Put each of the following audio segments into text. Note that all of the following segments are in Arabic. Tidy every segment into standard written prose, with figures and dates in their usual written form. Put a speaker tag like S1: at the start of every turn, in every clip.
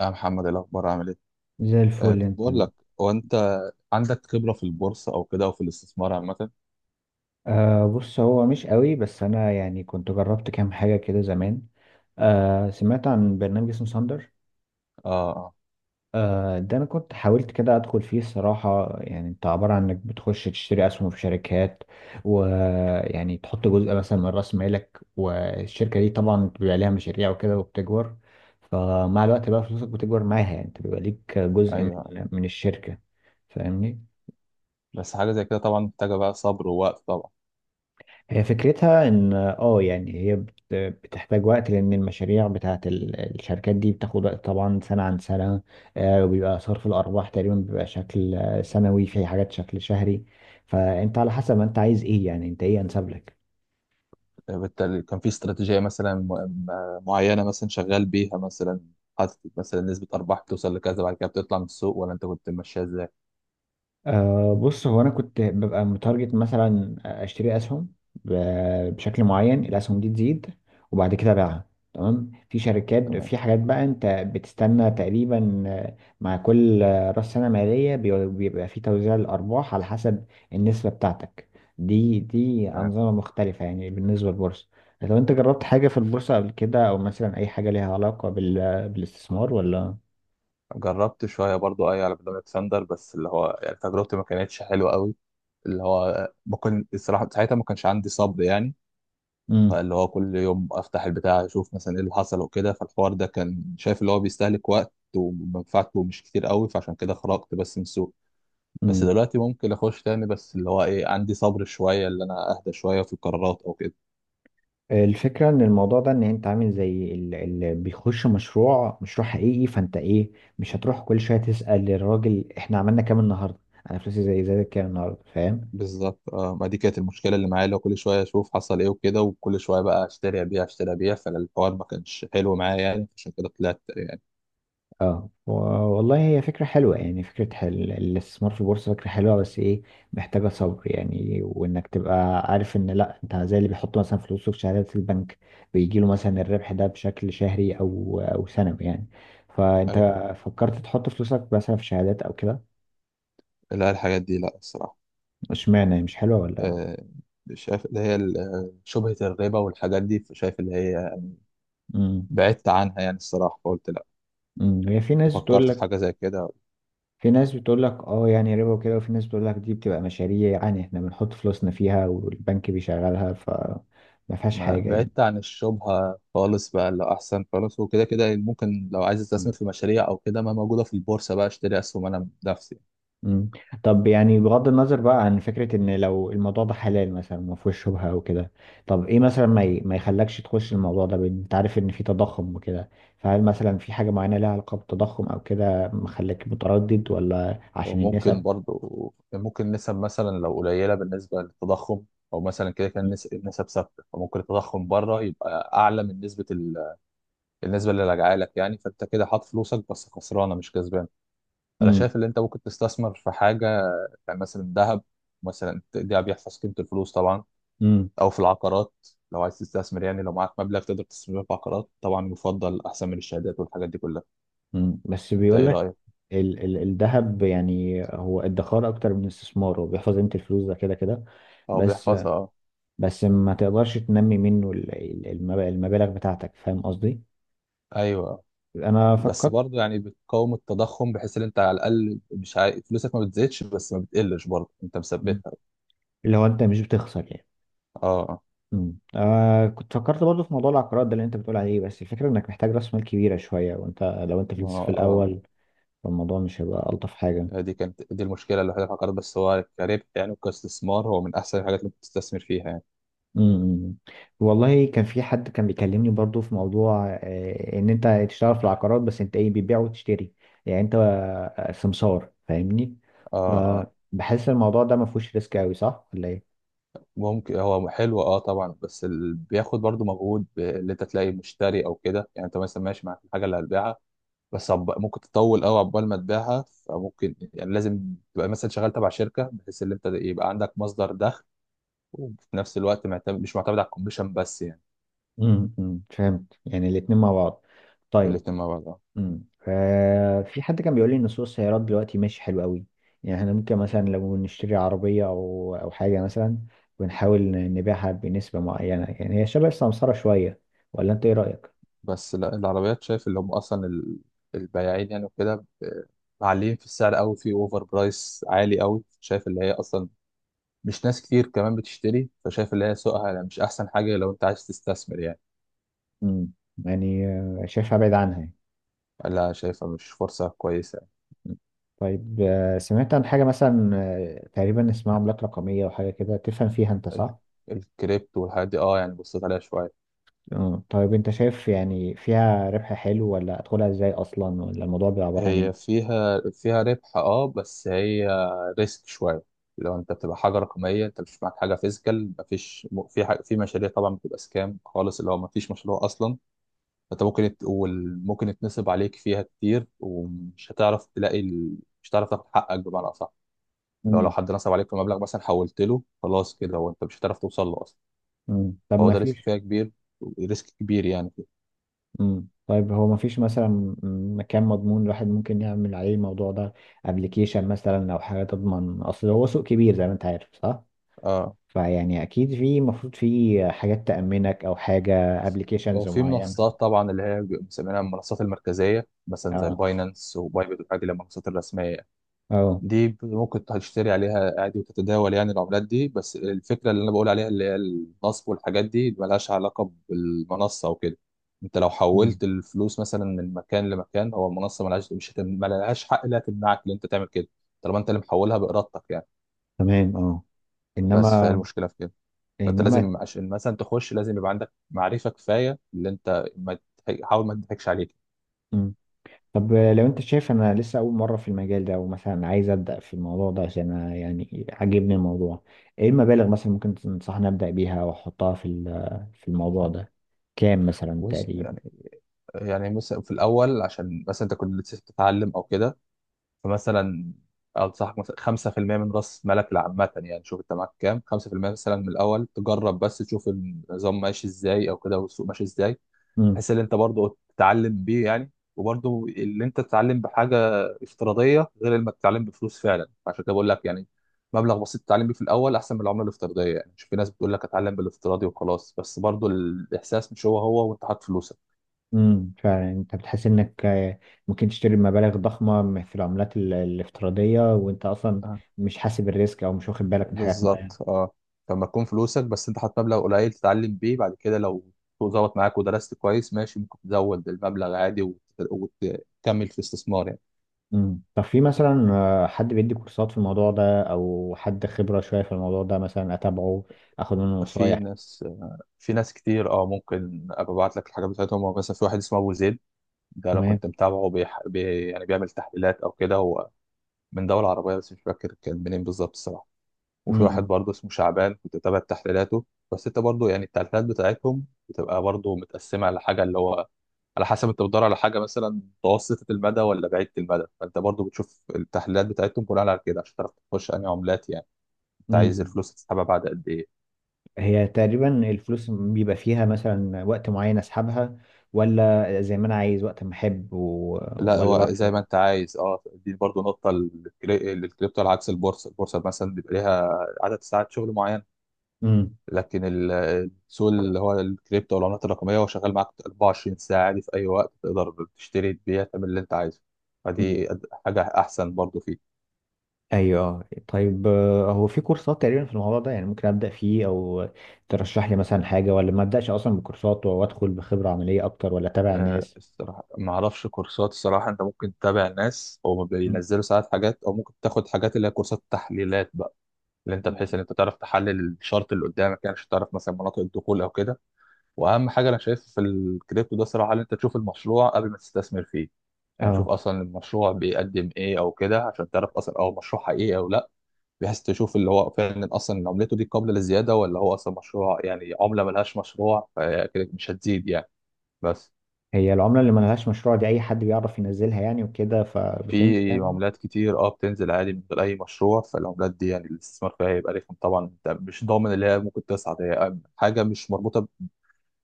S1: يا محمد إيه الأخبار عامل إيه؟
S2: زي الفل
S1: كنت
S2: انت.
S1: بقول لك هو أنت عندك خبرة في البورصة أو كده أو في الاستثمار عامة؟
S2: بص، هو مش قوي، بس انا يعني كنت جربت كام حاجه كده زمان. سمعت عن برنامج اسمه ساندر.
S1: آه.
S2: ده انا كنت حاولت كده ادخل فيه الصراحه، يعني انت عباره عن انك بتخش تشتري اسهم في شركات. ويعني تحط جزء مثلا من راس مالك، والشركه دي طبعا بيبقى ليها مشاريع وكده وبتكبر. فمع الوقت بقى فلوسك بتكبر معاها، يعني انت بيبقى ليك جزء من
S1: أيوه،
S2: من الشركه. فاهمني؟
S1: بس حاجة زي كده طبعا محتاجة بقى صبر ووقت طبعا.
S2: هي فكرتها ان يعني هي بتحتاج وقت، لان المشاريع بتاعت الشركات دي بتاخد وقت، طبعا سنة عن سنة. وبيبقى صرف الارباح تقريبا بيبقى شكل سنوي، في حاجات شكل شهري. فانت على حسب ما انت عايز ايه، يعني انت ايه انسب لك؟
S1: بالتالي كان في استراتيجية مثلا معينة مثلا شغال بيها مثلا، حاطط مثلا نسبة أرباح بتوصل لكذا بعد كده بتطلع من السوق ولا أنت كنت ماشيها إزاي؟
S2: أه، بص، هو انا كنت ببقى متارجت، مثلا اشتري اسهم بشكل معين. الاسهم دي تزيد وبعد كده ابيعها. تمام. في شركات،
S1: تمام.
S2: في حاجات بقى انت بتستنى تقريبا مع كل راس سنه ماليه، بيبقى في توزيع الارباح على حسب النسبه بتاعتك. دي
S1: تمام.
S2: انظمه مختلفه، يعني بالنسبه للبورصه. لو انت جربت حاجه في البورصه قبل كده، او مثلا اي حاجه ليها علاقه بالاستثمار، ولا؟
S1: جربت شوية برضو أي على برنامج ساندر بس اللي هو يعني تجربتي ما كانتش حلوة قوي، اللي هو ما كنت الصراحة ساعتها ما كانش عندي صبر يعني،
S2: امم.
S1: فاللي هو كل يوم افتح البتاع اشوف مثلا ايه اللي حصل وكده، فالحوار ده كان شايف اللي هو بيستهلك وقت ومنفعته مش كتير قوي، فعشان كده خرجت بس من السوق. بس
S2: امم.
S1: دلوقتي ممكن اخش تاني، بس اللي هو ايه عندي صبر شويه اللي انا اهدى شويه في القرارات او كده.
S2: الفكرة ان الموضوع ده، ان انت عامل زي اللي بيخش مشروع، مشروع حقيقي، فانت ايه، مش هتروح كل شوية تسأل الراجل احنا عملنا كام النهاردة، انا فلوسي زي كام النهاردة. فاهم؟
S1: بالظبط. ما دي كانت المشكله اللي معايا، اللي هو كل شويه اشوف حصل ايه وكده، وكل شويه بقى اشتري ابيع اشتري ابيع، فالحوار ما كانش حلو معايا يعني، عشان كده طلعت يعني.
S2: اه، والله هي فكرة حلوة، يعني فكرة الاستثمار في البورصة فكرة حلوة، بس ايه، محتاجة صبر يعني. وانك تبقى عارف ان لا، انت زي اللي بيحط مثلا فلوسه في شهادات البنك، بيجيله مثلا الربح ده بشكل شهري او سنوي يعني. فانت
S1: ايوه.
S2: فكرت تحط فلوسك مثلا في شهادات او كده؟
S1: لا الحاجات دي لا الصراحه.
S2: اشمعنى، هي مش حلوة ولا؟
S1: آه، شايف اللي هي شبهة الربا والحاجات دي، شايف اللي هي
S2: امم،
S1: بعدت عنها يعني الصراحة، فقلت لا،
S2: امم. هي في ناس بتقول
S1: فكرت في
S2: لك،
S1: حاجة زي كده.
S2: في ناس بتقول لك يعني ربا وكده، وفي ناس بتقول لك دي بتبقى مشاريع، يعني احنا بنحط فلوسنا فيها والبنك بيشغلها، فما فيهاش
S1: ما أنا
S2: حاجة يعني.
S1: بعدت عن الشبهة خالص بقى، اللي أحسن خالص، وكده كده ممكن لو عايز أستثمر
S2: مم.
S1: في مشاريع أو كده ما موجودة في البورصة بقى أشتري أسهم أنا بنفسي.
S2: مم. طب، يعني بغض النظر بقى عن فكرة ان لو الموضوع ده حلال مثلا ما فيهوش شبهة او كده، طب ايه مثلا ما يخلكش تخش الموضوع ده، بان انت عارف ان في تضخم وكده؟ فهل مثلا في حاجة معينة لها علاقة بالتضخم او كده مخليك متردد، ولا عشان
S1: وممكن
S2: النسب؟
S1: برضو، ممكن نسب مثلا لو قليلة بالنسبة للتضخم، أو مثلا كده كان النسب ثابتة، فممكن التضخم بره يبقى أعلى من نسبة النسبة اللي راجعة لك يعني، فأنت كده حاط فلوسك بس خسرانة مش كسبان. أنا شايف إن أنت ممكن تستثمر في حاجة، يعني مثلا الذهب، مثلا ده بيحفظ قيمة الفلوس طبعا،
S2: امم.
S1: أو في العقارات. لو عايز تستثمر يعني لو معاك مبلغ تقدر تستثمره في عقارات، طبعا يفضل أحسن من الشهادات والحاجات دي كلها.
S2: مم. بس
S1: أنت
S2: بيقول
S1: إيه
S2: لك،
S1: رأيك؟
S2: ال ال الذهب، يعني هو ادخار اكتر من استثمار، هو بيحفظ قيمة الفلوس ده كده كده.
S1: أه
S2: بس،
S1: بيحفظها أه.
S2: بس ما تقدرش تنمي منه المبالغ بتاعتك. فاهم قصدي؟
S1: أيوه.
S2: انا
S1: بس
S2: فكرت.
S1: برضه يعني بتقاوم التضخم، بحيث إن أنت على الأقل مش فلوسك ما بتزيدش بس ما بتقلش، برضه أنت
S2: مم.
S1: مثبتها.
S2: اللي هو انت مش بتخسر يعني.
S1: أه. أه.
S2: مم. آه، كنت فكرت برضه في موضوع العقارات ده اللي انت بتقول عليه، بس الفكرة انك محتاج راس مال كبيرة شوية، وانت، لو انت في
S1: ما
S2: لسه في
S1: أه.
S2: الاول، فالموضوع مش هيبقى الطف حاجة.
S1: هي دي كانت دي المشكلة الوحيدة في العقارات، بس هو كربح يعني وكاستثمار هو من أحسن الحاجات اللي ممكن تستثمر فيها يعني.
S2: امم. والله كان في حد كان بيكلمني برضو في موضوع ان انت تشتغل في العقارات، بس انت ايه، بتبيع وتشتري، يعني انت سمسار. فاهمني؟
S1: أه. أه.
S2: فبحس الموضوع ده ما فيهوش ريسك قوي، صح ولا ايه؟
S1: ممكن، هو حلو اه طبعا، بياخد برضو مجهود، اللي انت تلاقي مشتري او كده، يعني انت مثلا ماشي معاك الحاجه اللي هتبيعها، ممكن تطول قوي عقبال ما تبيعها، فممكن يعني لازم تبقى مثلا شغال تبع شركه، بحيث ان انت يبقى عندك مصدر دخل وفي نفس الوقت معتمد، مش معتمد على الكوميشن بس يعني.
S2: امم، فهمت. يعني الاتنين مع بعض. طيب.
S1: الاتنين مع بعض اه.
S2: امم. في حد كان بيقول لي ان سوق السيارات دلوقتي ماشي حلو قوي، يعني احنا ممكن مثلا لو نشتري عربية او حاجة مثلا، ونحاول نبيعها بنسبة معينة، يعني هي شبه السمسرة شوية. ولا انت ايه رأيك؟
S1: بس لا العربيات، شايف اللي هم البياعين يعني وكده معلين في السعر قوي، في اوفر برايس عالي قوي، شايف اللي هي اصلا مش ناس كتير كمان بتشتري، فشايف اللي هي سوقها يعني مش احسن حاجه لو انت عايز تستثمر يعني.
S2: مم. يعني شايفها بعيد عنها يعني.
S1: لا شايفها مش فرصه كويسه يعني.
S2: مم. طيب، سمعت عن حاجة مثلا تقريبا اسمها عملات رقمية وحاجة كده. تفهم فيها انت،
S1: ال-
S2: صح؟
S1: الكريبتو والحاجات دي اه، يعني بصيت عليها شويه.
S2: آه. طيب، انت شايف يعني فيها ربح حلو، ولا ادخلها ازاي اصلا، ولا الموضوع بيبقى عبارة عن
S1: هي
S2: ايه؟
S1: فيها ربح اه، بس هي ريسك شويه. لو انت بتبقى حاجه رقميه انت مش معاك حاجه فيزيكال، مفيش في حاجة في مشاريع طبعا بتبقى سكام خالص، اللي هو مفيش مشروع اصلا، فانت ممكن ممكن يتنصب عليك فيها كتير، ومش هتعرف تلاقي مش هتعرف تاخد حقك بمعنى اصح. لو
S2: مم.
S1: حد نصب عليك في مبلغ مثلا، حولت له خلاص كده، وانت مش هتعرف توصل له اصلا،
S2: مم. طب
S1: فهو
S2: ما
S1: ده ريسك
S2: فيش.
S1: فيها كبير، ريسك كبير يعني.
S2: مم. طيب، هو ما فيش مثلا، مكان مضمون الواحد ممكن يعمل عليه الموضوع ده، ابلكيشن مثلا او حاجة تضمن. اصل هو سوق كبير زي ما انت عارف، صح؟
S1: اه.
S2: فيعني اكيد في المفروض في حاجات تأمنك، او حاجة، ابلكيشنز
S1: وفي
S2: معينة.
S1: منصات طبعا اللي هي بيبقوا مسمينها المنصات المركزيه، مثلا زي
S2: اه،
S1: باينانس وبايبت والحاجات دي، اللي هي المنصات الرسميه
S2: اه.
S1: دي ممكن تشتري عليها عادي وتتداول يعني العملات دي، بس الفكرة اللي أنا بقول عليها اللي هي النصب والحاجات دي اللي ملهاش علاقة بالمنصة وكده. أنت لو
S2: مم.
S1: حولت الفلوس مثلا من مكان لمكان، هو المنصة ملهاش، مش هتم... ملهاش حق لا تمنعك إن أنت تعمل كده، طالما أنت اللي محولها بإرادتك يعني.
S2: تمام، اه.
S1: بس فهي
S2: انما.
S1: المشكلة في كده. فأنت
S2: انما.
S1: لازم عشان مثلا تخش لازم يبقى عندك معرفة كفاية، اللي أنت ما تضحك- حاول ما تضحكش عليك.
S2: مم. طب، لو انت شايف انا لسه اول مرة في المجال ده، ومثلا عايز ابدأ في الموضوع ده، عشان أنا يعني عاجبني الموضوع، ايه المبالغ مثلا ممكن تنصحني ابدأ بيها واحطها في في الموضوع ده، كام مثلا
S1: بص
S2: تقريبا؟
S1: يعني، يعني مثلا في الأول عشان مثلا أنت كنت لسه بتتعلم أو كده، فمثلا انصحك مثلا 5% من راس مالك لعامة يعني، شوف انت معاك كام، 5% مثلا من الاول تجرب بس تشوف النظام ماشي ازاي او كده، والسوق ماشي ازاي، بحيث ان انت برضه تتعلم بيه يعني. وبرضه اللي انت تتعلم بحاجة افتراضية غير لما تتعلم بفلوس فعلا، عشان كده بقول لك يعني مبلغ بسيط تتعلم بيه في الاول احسن من العملة الافتراضية، يعني شوف في ناس بتقول لك اتعلم بالافتراضي وخلاص، بس برضه الاحساس مش هو هو وانت حاطط فلوسك.
S2: امم، فعلا. انت بتحس انك ممكن تشتري مبالغ ضخمه في العملات الافتراضيه، وانت اصلا مش حاسب الريسك، او مش واخد بالك من حاجات
S1: بالظبط
S2: معينه.
S1: اه. لما تكون فلوسك بس انت حاطط مبلغ قليل تتعلم بيه، بعد كده لو السوق ظبط معاك ودرست كويس ماشي، ممكن تزود المبلغ عادي وتكمل في استثمار يعني.
S2: امم. طب في مثلا حد بيدي كورسات في الموضوع ده، او حد خبره شويه في الموضوع ده مثلا اتابعه، اخد منه
S1: في
S2: نصايح؟
S1: ناس، في ناس كتير اه، ممكن ابقى ابعت لك الحاجات بتاعتهم، هو مثلا في واحد اسمه ابو زيد، ده انا
S2: تمام.
S1: كنت متابعه يعني بيعمل تحليلات او كده، هو من دولة عربية بس مش فاكر كان منين بالظبط الصراحة. وفي واحد
S2: امم.
S1: برضه اسمه شعبان كنت بتابع تحليلاته، بس انت برضه يعني التحليلات بتاعتهم بتبقى برضه متقسمه على حاجه اللي هو، على حسب انت بتدور على حاجه مثلا متوسطه المدى ولا بعيده المدى، فانت برضه بتشوف التحليلات بتاعتهم بناء على كده عشان تعرف تخش انهي عملات يعني، انت عايز
S2: امم.
S1: الفلوس تسحبها بعد قد ايه.
S2: هي تقريبا الفلوس بيبقى فيها مثلا وقت معين اسحبها، ولا زي ما انا عايز وقت ما احب
S1: لا
S2: ولا
S1: هو
S2: بعرف؟
S1: زي ما انت عايز اه، دي برضه نقطه للكريبتو، على عكس البورصه، البورصه مثلا بيبقى ليها عدد ساعات شغل معين،
S2: امم.
S1: لكن السوق اللي هو الكريبتو والعملات الرقميه هو شغال معاك 24 ساعه عادي، في اي وقت تقدر تشتري تبيع تعمل اللي انت عايزه، فدي حاجه احسن برضو فيه.
S2: ايوه. آه. طيب، هو في كورسات تقريبا في الموضوع ده، يعني ممكن ابدا فيه، او ترشح لي مثلا حاجه، ولا ما ابداش اصلا بكورسات وادخل بخبره عمليه اكتر، ولا اتابع
S1: أه
S2: الناس؟
S1: الصراحه ما اعرفش كورسات الصراحه، انت ممكن تتابع ناس او
S2: مم.
S1: بينزلوا ساعات حاجات، او ممكن تاخد حاجات اللي هي كورسات تحليلات بقى، اللي انت
S2: مم.
S1: بحيث ان انت تعرف تحلل الشارت اللي قدامك يعني عشان تعرف مثلا مناطق الدخول او كده. واهم حاجه انا شايف في الكريبتو ده صراحه، ان انت تشوف المشروع قبل ما تستثمر فيه، يعني شوف
S2: اه.
S1: اصلا المشروع بيقدم ايه او كده عشان تعرف اصلا هو مشروع حقيقي او لا، بحيث تشوف اللي هو فعلا اصلا عملته دي قابله للزياده، ولا هو اصلا مشروع يعني عمله ملهاش مشروع فكده مش هتزيد يعني. بس
S2: هي العمله اللي ما لهاش مشروع دي، اي حد بيعرف ينزلها يعني وكده فبتنزل
S1: في
S2: يعني؟
S1: عملات كتير اه بتنزل عادي من غير اي مشروع، فالعملات دي يعني الاستثمار فيها هيبقى رخم طبعا، انت مش ضامن اللي هي ممكن تصعد، هي حاجه مش مربوطه،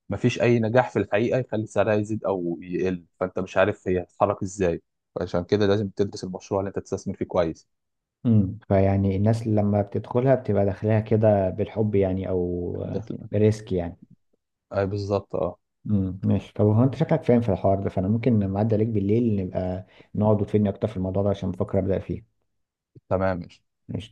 S1: مفيش اي نجاح في الحقيقه يخلي سعرها يزيد او يقل، فانت مش عارف هي هتتحرك ازاي، فعشان كده لازم تدرس المشروع اللي انت تستثمر فيه كويس.
S2: امم، فيعني الناس لما بتدخلها بتبقى داخلها كده بالحب يعني، او
S1: دخل
S2: بريسك يعني.
S1: اي بالظبط اه.
S2: امم. ماشي. طب هو انت شكلك فاهم في الحوار ده، فانا ممكن لما اعدي عليك بالليل نبقى نقعد وتفيدني اكتر في الموضوع ده، عشان بفكر ابدا فيه.
S1: تمام.
S2: ماشي.